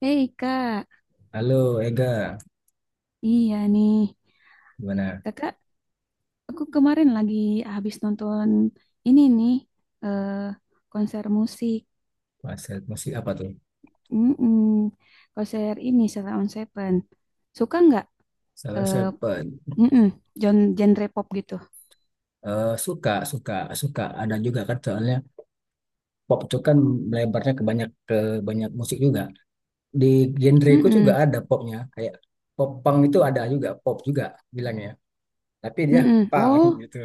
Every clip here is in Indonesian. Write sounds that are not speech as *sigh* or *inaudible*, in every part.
Hei kak, Halo Ega, iya nih. gimana Kakak, aku kemarin lagi habis nonton ini nih, eh, konser musik. Mas Sep? Masih apa tuh? Mm-mm. Konser ini, Sheila on Seven. Suka nggak Salah eh, Seven. mm-mm, genre pop gitu? Eh, suka, suka, suka. Ada juga kan soalnya pop itu kan melebarnya ke banyak musik juga. Di genreku juga Mm-mm, ada popnya. Kayak pop punk itu ada juga, pop juga bilangnya. Tapi dia mm-mm. punk Oh, *laughs* gitu.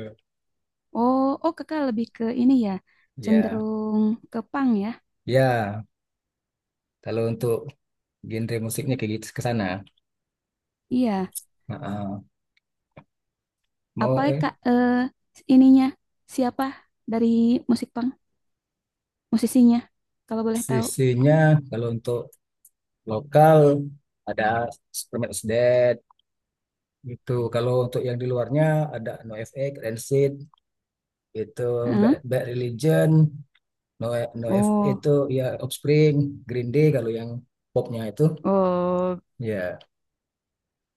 oh, oh, kakak lebih ke ini ya, Ya, cenderung ke punk ya? ya. Kalau untuk genre musiknya kayak gitu ke sana. Iya. Heeh. Apa Mau kak ininya? Siapa dari musik punk? Musisinya, kalau boleh tahu. sisinya kalau untuk lokal ada Superman is Dead. Gitu. Kalau untuk yang di luarnya ada NoFX, Rancid, itu Heeh. Bad Religion, No NoFX Oh. itu ya Offspring, Green Day kalau yang popnya itu Oh, ya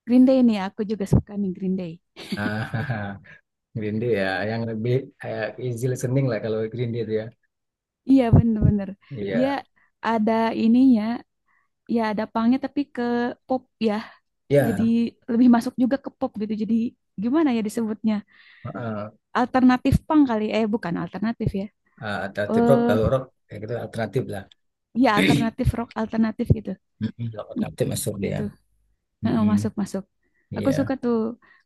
Green Day nih, aku juga suka nih Green Day. ah, *laughs* Green Day ya yang lebih kayak easy listening lah kalau Green Day itu ya. Iya bener-bener, dia Iya. ada ininya, ya ada punknya tapi ke pop ya, jadi Ya, lebih masuk juga ke pop gitu. Jadi gimana ya disebutnya? heeh. Alternatif punk kali, eh bukan alternatif ya. Ah, alternatif rock Eh, kalau rock kayak gitu alternatif lah. ya *clears throat* alternatif rock alternatif gitu. Mm-mm, rock Ya, alternatif masuk dia. gitu. Heeh, Mm-mm, masuk masuk. Aku iya. suka tuh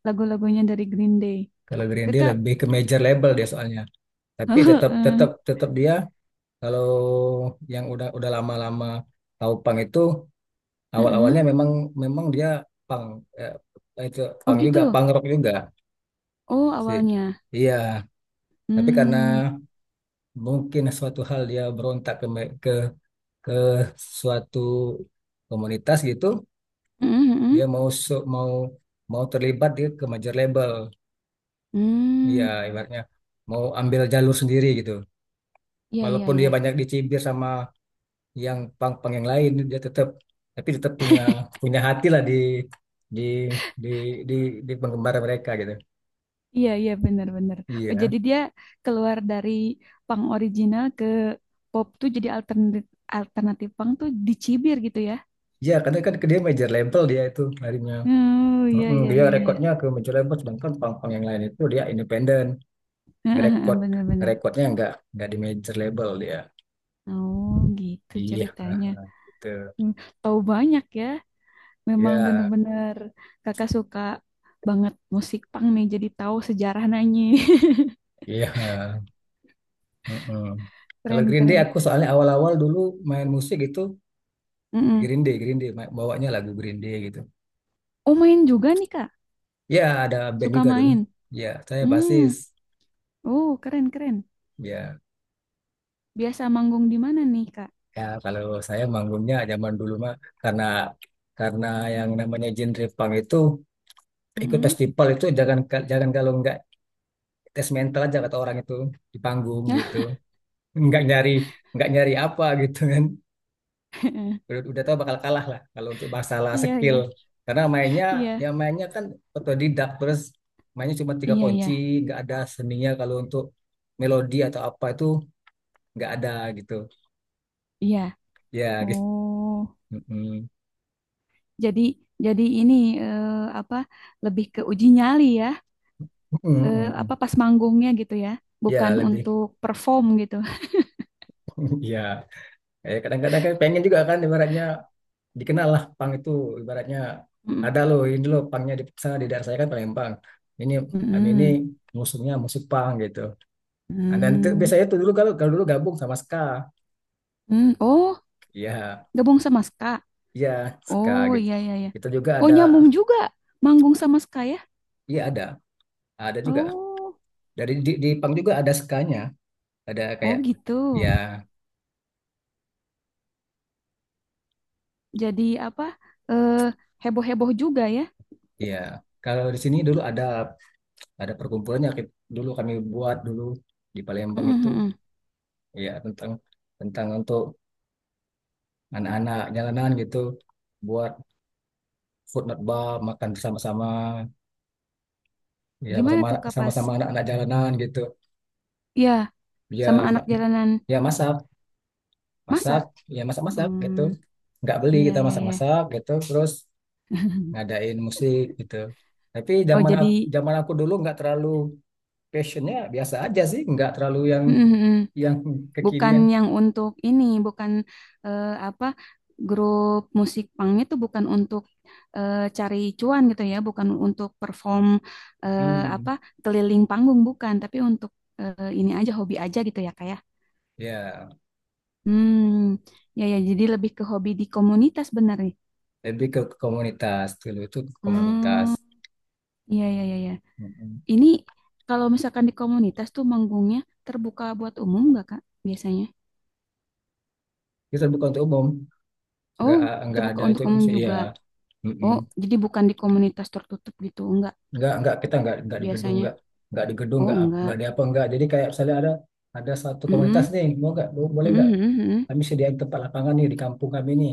lagu-lagunya dari Green Day. Kalau Green Day Kakak, lebih ke major label dia soalnya. *laughs* Tapi tetap heeh, tetap tetap dia. Kalau yang udah lama-lama tahu pang itu heeh. awal-awalnya memang memang dia pang itu Oh pang juga gitu. pang rock juga Oh sih. awalnya. Iya, tapi karena Hmm. mungkin suatu hal dia berontak ke me- ke suatu komunitas gitu, Heeh, heeh. dia mau su- mau mau terlibat ke major label. Iya, Hmm, ibaratnya mau ambil jalur sendiri gitu. iya iya Walaupun iya. dia banyak dicibir sama yang pang-pang yang lain dia tapi tetap punya *laughs* punya hati lah di di di, di penggemar mereka gitu. Iya iya benar benar. Oh, Iya. jadi dia keluar dari punk original ke pop tuh jadi alternatif, alternatif punk tuh dicibir gitu ya. Iya, karena kan dia major label dia itu larinya. Oh iya Mm-mm, iya dia iya iya. rekodnya ke major label, sedangkan pang-pang yang lain itu dia independen. ngerekod *laughs* Benar benar. ngerekodnya nggak di major label dia. Oh, gitu Iya, ceritanya. gitu. Hmm. Tahu banyak ya. Memang Iya, benar-benar kakak suka banget musik punk nih jadi tahu sejarah nanyi. *laughs* iya. Mm-mm. Kalau Keren Green Day keren. aku soalnya awal-awal dulu main musik itu Mm-mm. Green Day bawanya lagu Green Day gitu. Oh, main juga nih, Kak. Ya, ada band Suka juga dulu. main. Ya, saya basis. Hmm. Oh, keren keren. Ya, Biasa manggung di mana nih, Kak? ya, kalau saya manggungnya zaman dulu mah karena karena yang namanya genre punk itu ikut Mm-mm. festival itu jangan jangan kalau nggak tes mental aja kata orang itu di panggung gitu. Nggak nyari nggak nyari apa gitu kan. *laughs* Udah tahu bakal kalah lah kalau untuk masalah Iya iya skill. Karena mainnya iya yang mainnya kan otodidak, terus mainnya cuma tiga iya iya kunci, nggak ada seninya kalau untuk melodi atau apa itu nggak ada gitu. iya. Ya, gitu. Oh, Mm-mm. jadi, jadi eh, apa, lebih ke uji nyali ya? Mm-mm, Apa mm-mm. pas manggungnya gitu ya? Bukan Ya, lebih untuk perform gitu. *laughs* ya. Eh, kadang-kadang kan pengen juga kan, ibaratnya dikenal lah pang itu, ibaratnya *laughs* Mm-mm. ada loh, ini loh pangnya di sana di daerah saya kan Palembang ini, kami ini Mm-mm. musuhnya musik pang gitu. Nah, dan itu, Mm. biasanya itu dulu kalau kalau dulu gabung sama ska, Mm. Oh, ya, gabung sama Ska. ya, ska Oh gitu iya iya iya. itu juga Oh ada. nyambung juga manggung sama Ska ya? Iya, ada juga Oh, dari di pang juga ada skanya, ada oh kayak, gitu. ya, Jadi apa eh, heboh-heboh juga ya. ya, kalau di sini dulu ada perkumpulannya, dulu kami buat dulu di Mm, Palembang itu, mm, mm. ya tentang tentang untuk anak-anak jalanan gitu, buat food not bar, makan bersama-sama, ya Gimana sama-sama tuh kapas? sama-sama anak-anak jalanan gitu. Ya, sama Ya, anak ma- jalanan ya masak masak masak. ya masak-masak gitu, Hmm, nggak beli, iya kita iya iya. masak-masak gitu, terus ngadain musik gitu. Tapi Oh zaman jadi aku, zaman aku dulu nggak terlalu passionnya, biasa aja sih, nggak terlalu yang mm, mm, mm. yang Bukan kekinian. yang untuk ini, bukan apa, grup musik pangnya tuh bukan untuk cari cuan gitu ya, bukan untuk perform hmm apa, keliling panggung bukan, tapi untuk ini aja, hobi aja gitu ya kayak. ya Hmm, ya ya jadi lebih ke hobi di komunitas bener nih. lebih ke komunitas, dulu itu ke komunitas. Hmm, iya iya iya iya. Mm-mm. Ini kalau misalkan di komunitas tuh manggungnya terbuka buat umum nggak Kak biasanya? Itu bukan untuk umum, nggak Oh, nggak terbuka ada, itu untuk umum bisa, iya. juga. Mm-mm. Oh, jadi bukan di komunitas tertutup gitu enggak Nggak, kita nggak di gedung, biasanya. Nggak di gedung Oh, nggak, nggak di enggak. apa, nggak, jadi kayak misalnya ada satu komunitas Mm-mm. nih, mau nggak, boleh nggak, Mm-mm, mm-mm. kami sediain tempat lapangan nih di kampung kami nih,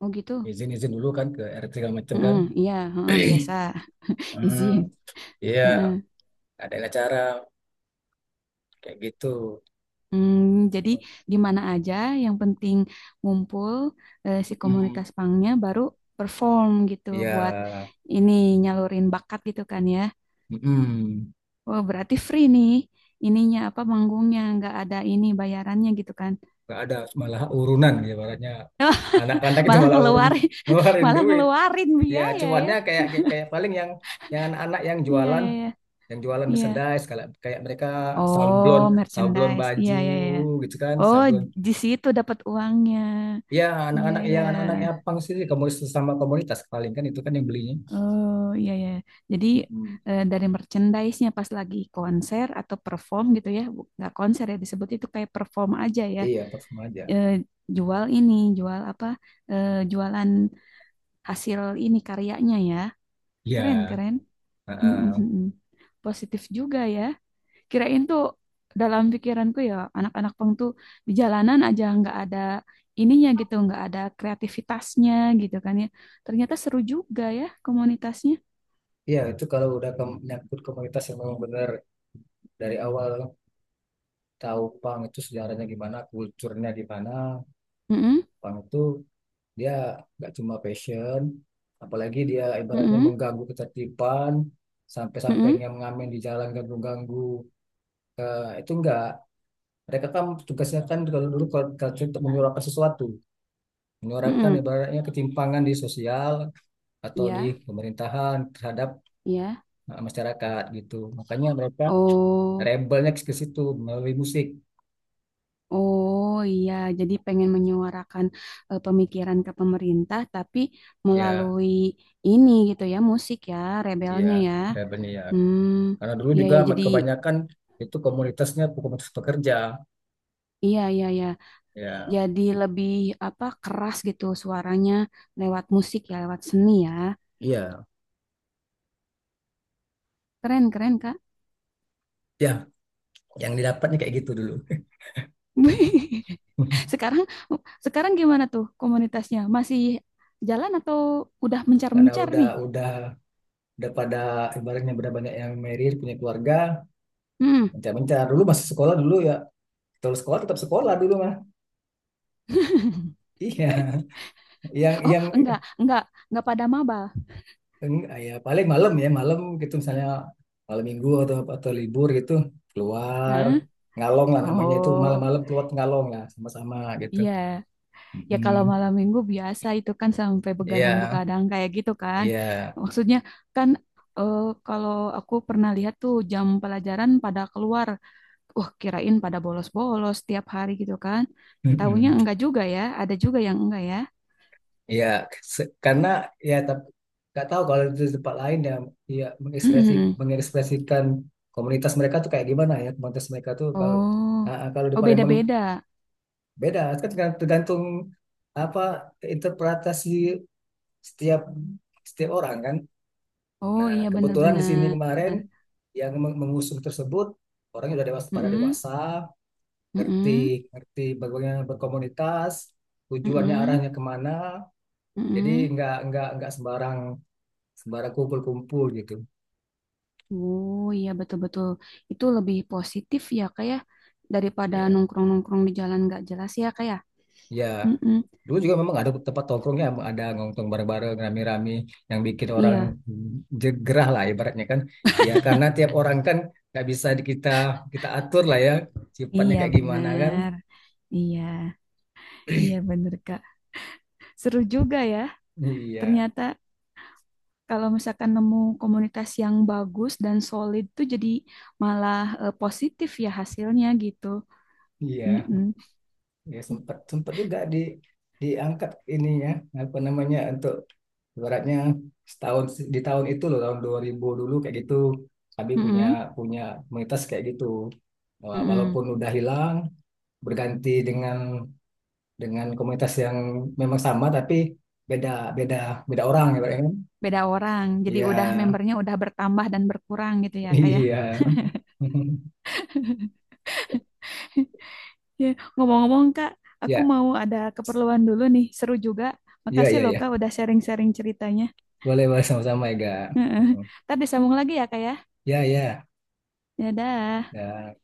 Oh, gitu. izin izin dulu kan ke RT segala macam kan. Mm-mm, iya, heeh, biasa. *clears throat* *laughs* hmm, Izin. iya, Heeh. ada acara kayak gitu. Hmm, jadi di mana aja yang penting ngumpul si Mm-mm. komunitas pangnya baru perform gitu Iya. buat ini, nyalurin bakat gitu kan ya. Mm-mm. Oh, berarti free nih. Ininya apa, manggungnya nggak ada ini bayarannya gitu kan. Nggak ada, malah urunan, ya baratnya anak-anak itu Malah malah urun ngeluarin, *laughs* ngeluarin malah duit. ngeluarin Ya biaya ya. cuannya kayak, kayak paling yang anak-anak yang Iya jualan iya iya. yang jualan Iya. merchandise, kayak kayak mereka sablon Oh, sablon merchandise. Iya baju iya iya. Iya. gitu kan. Oh, Sablon, di situ dapat uangnya. ya Iya anak-anak iya. ya anak-anak yang pang sih, komunitas sama komunitas paling kan itu kan yang belinya. Oh, iya iya. Jadi Mm-mm. Dari merchandise-nya pas lagi konser atau perform gitu ya. Nggak konser ya, disebut itu kayak perform aja ya. Iya, parfum aja Eh, Jual ini, jual apa? Eh, jualan hasil ini, karyanya ya. Keren, ya. keren. Mm, mm, Heeh. mm. Positif juga ya. Kirain tuh dalam pikiranku ya anak-anak pang tuh di jalanan aja, nggak ada ininya gitu, nggak ada kreativitasnya gitu kan ya. Ternyata seru juga ya komunitasnya. Iya, itu kalau udah ke, nyangkut komunitas yang memang benar dari awal tahu pang itu sejarahnya gimana, kulturnya gimana. Mm-mm, Punk itu dia nggak cuma passion, apalagi dia ibaratnya mm-mm, mengganggu ketertiban, sampai-sampai mm-mm, yang ngamen di jalan ganggu-ganggu. Eh, itu enggak. Mereka kan tugasnya kan kalau dulu, kalau kalau cerita, untuk menyuarakan sesuatu, menyuarakan mm-mm. ibaratnya ketimpangan di sosial atau di Iya, pemerintahan terhadap iya. Masyarakat gitu. Makanya mereka Oh. rebelnya ke situ, melalui musik. Oh iya, jadi pengen menyuarakan pemikiran ke pemerintah, tapi Ya, melalui ini gitu ya, musik ya, ya, rebelnya ya. rebelnya ya. Hmm, Karena dulu iya juga ya, jadi kebanyakan itu komunitasnya komunitas pekerja iya iya ya, ya. jadi lebih apa, keras gitu suaranya lewat musik ya, lewat seni ya. Iya, Keren keren Kak. ya, yang didapatnya kayak gitu dulu. *laughs* *laughs* Sekarang, gimana tuh komunitasnya? Masih jalan atau udah Karena mencar-mencar udah nih? udah udah pada ibaratnya udah banyak yang married, punya keluarga, Hmm. mencar-mencar. Dulu masih sekolah dulu ya. Terus sekolah, tetap sekolah dulu mah. *laughs* *laughs* Iya, yang Oh yang enggak pada maba. Ya paling malam ya, malam gitu misalnya malam minggu atau libur gitu keluar *laughs* ngalong lah, namanya itu, Oh, malam-malam keluar ngalong lah sama-sama gitu. iya. Ya Mm-mm. kalau malam minggu biasa itu kan sampai Iya, begadang-begadang kayak gitu kan. iya. Maksudnya kan eh, kalau aku pernah lihat tuh jam pelajaran pada keluar. Wah, kirain pada bolos-bolos tiap hari gitu kan. Tahunya Mm-mm. enggak juga ya, ada juga yang enggak ya. Ya, karena ya, tapi nggak tahu kalau di tempat lain ya, ya mengekspresi Mm-mm. mengekspresikan komunitas mereka tuh kayak gimana, ya komunitas mereka tuh kalau Oh, kalau di oh Palembang beda-beda. beda kan, tergantung apa, interpretasi setiap setiap orang kan. Oh Nah, iya kebetulan di sini benar-benar. kemarin yang mengusung tersebut orangnya udah dewasa, pada Mm-mm. dewasa, ngerti Mm-mm. ngerti bagaimana berkomunitas, tujuannya, Mm-mm. arahnya kemana, jadi Mm-mm. nggak, nggak sembarang kumpul-kumpul gitu. Oh iya betul-betul, itu lebih positif ya kayak, daripada Iya. nongkrong-nongkrong di jalan nggak jelas ya kayak. Ya, Mm-mm. dulu juga memang ada tempat tongkrongnya, ada nongkrong bareng-bareng, rame-rame, yang bikin orang Iya. jegerah lah, ibaratnya kan. Ya, karena tiap orang kan nggak bisa di-, kita, kita atur lah ya, sifatnya Iya kayak gimana kan. benar, iya, iya benar Kak. Seru juga ya, Iya, ternyata kalau misalkan nemu komunitas yang bagus dan solid tuh jadi malah positif ya hasilnya gitu. iya. Mm-mm. Ya, sempat sempat juga diangkat ininya, apa namanya, untuk ibaratnya setahun, di tahun itu loh, tahun 2000 dulu kayak gitu, kami punya Mm-mm. punya komunitas kayak gitu. Wah, Mm-mm. walaupun udah hilang berganti dengan komunitas yang memang sama tapi beda beda beda orang ya Pak, ya kan? Beda orang, jadi Iya, udah membernya udah bertambah dan berkurang gitu *laughs* ya Kak ya. iya. *laughs* *laughs* Ya, ngomong-ngomong Kak, aku Ya, mau ada keperluan dulu nih, seru juga. ya, Makasih ya, loh ya. Kak udah sharing-sharing ceritanya. Boleh, boleh sama-sama ya, Ga. Heeh. Mm-mm. Ntar disambung lagi ya Kak ya. Ya, ya. Dadah. Ya.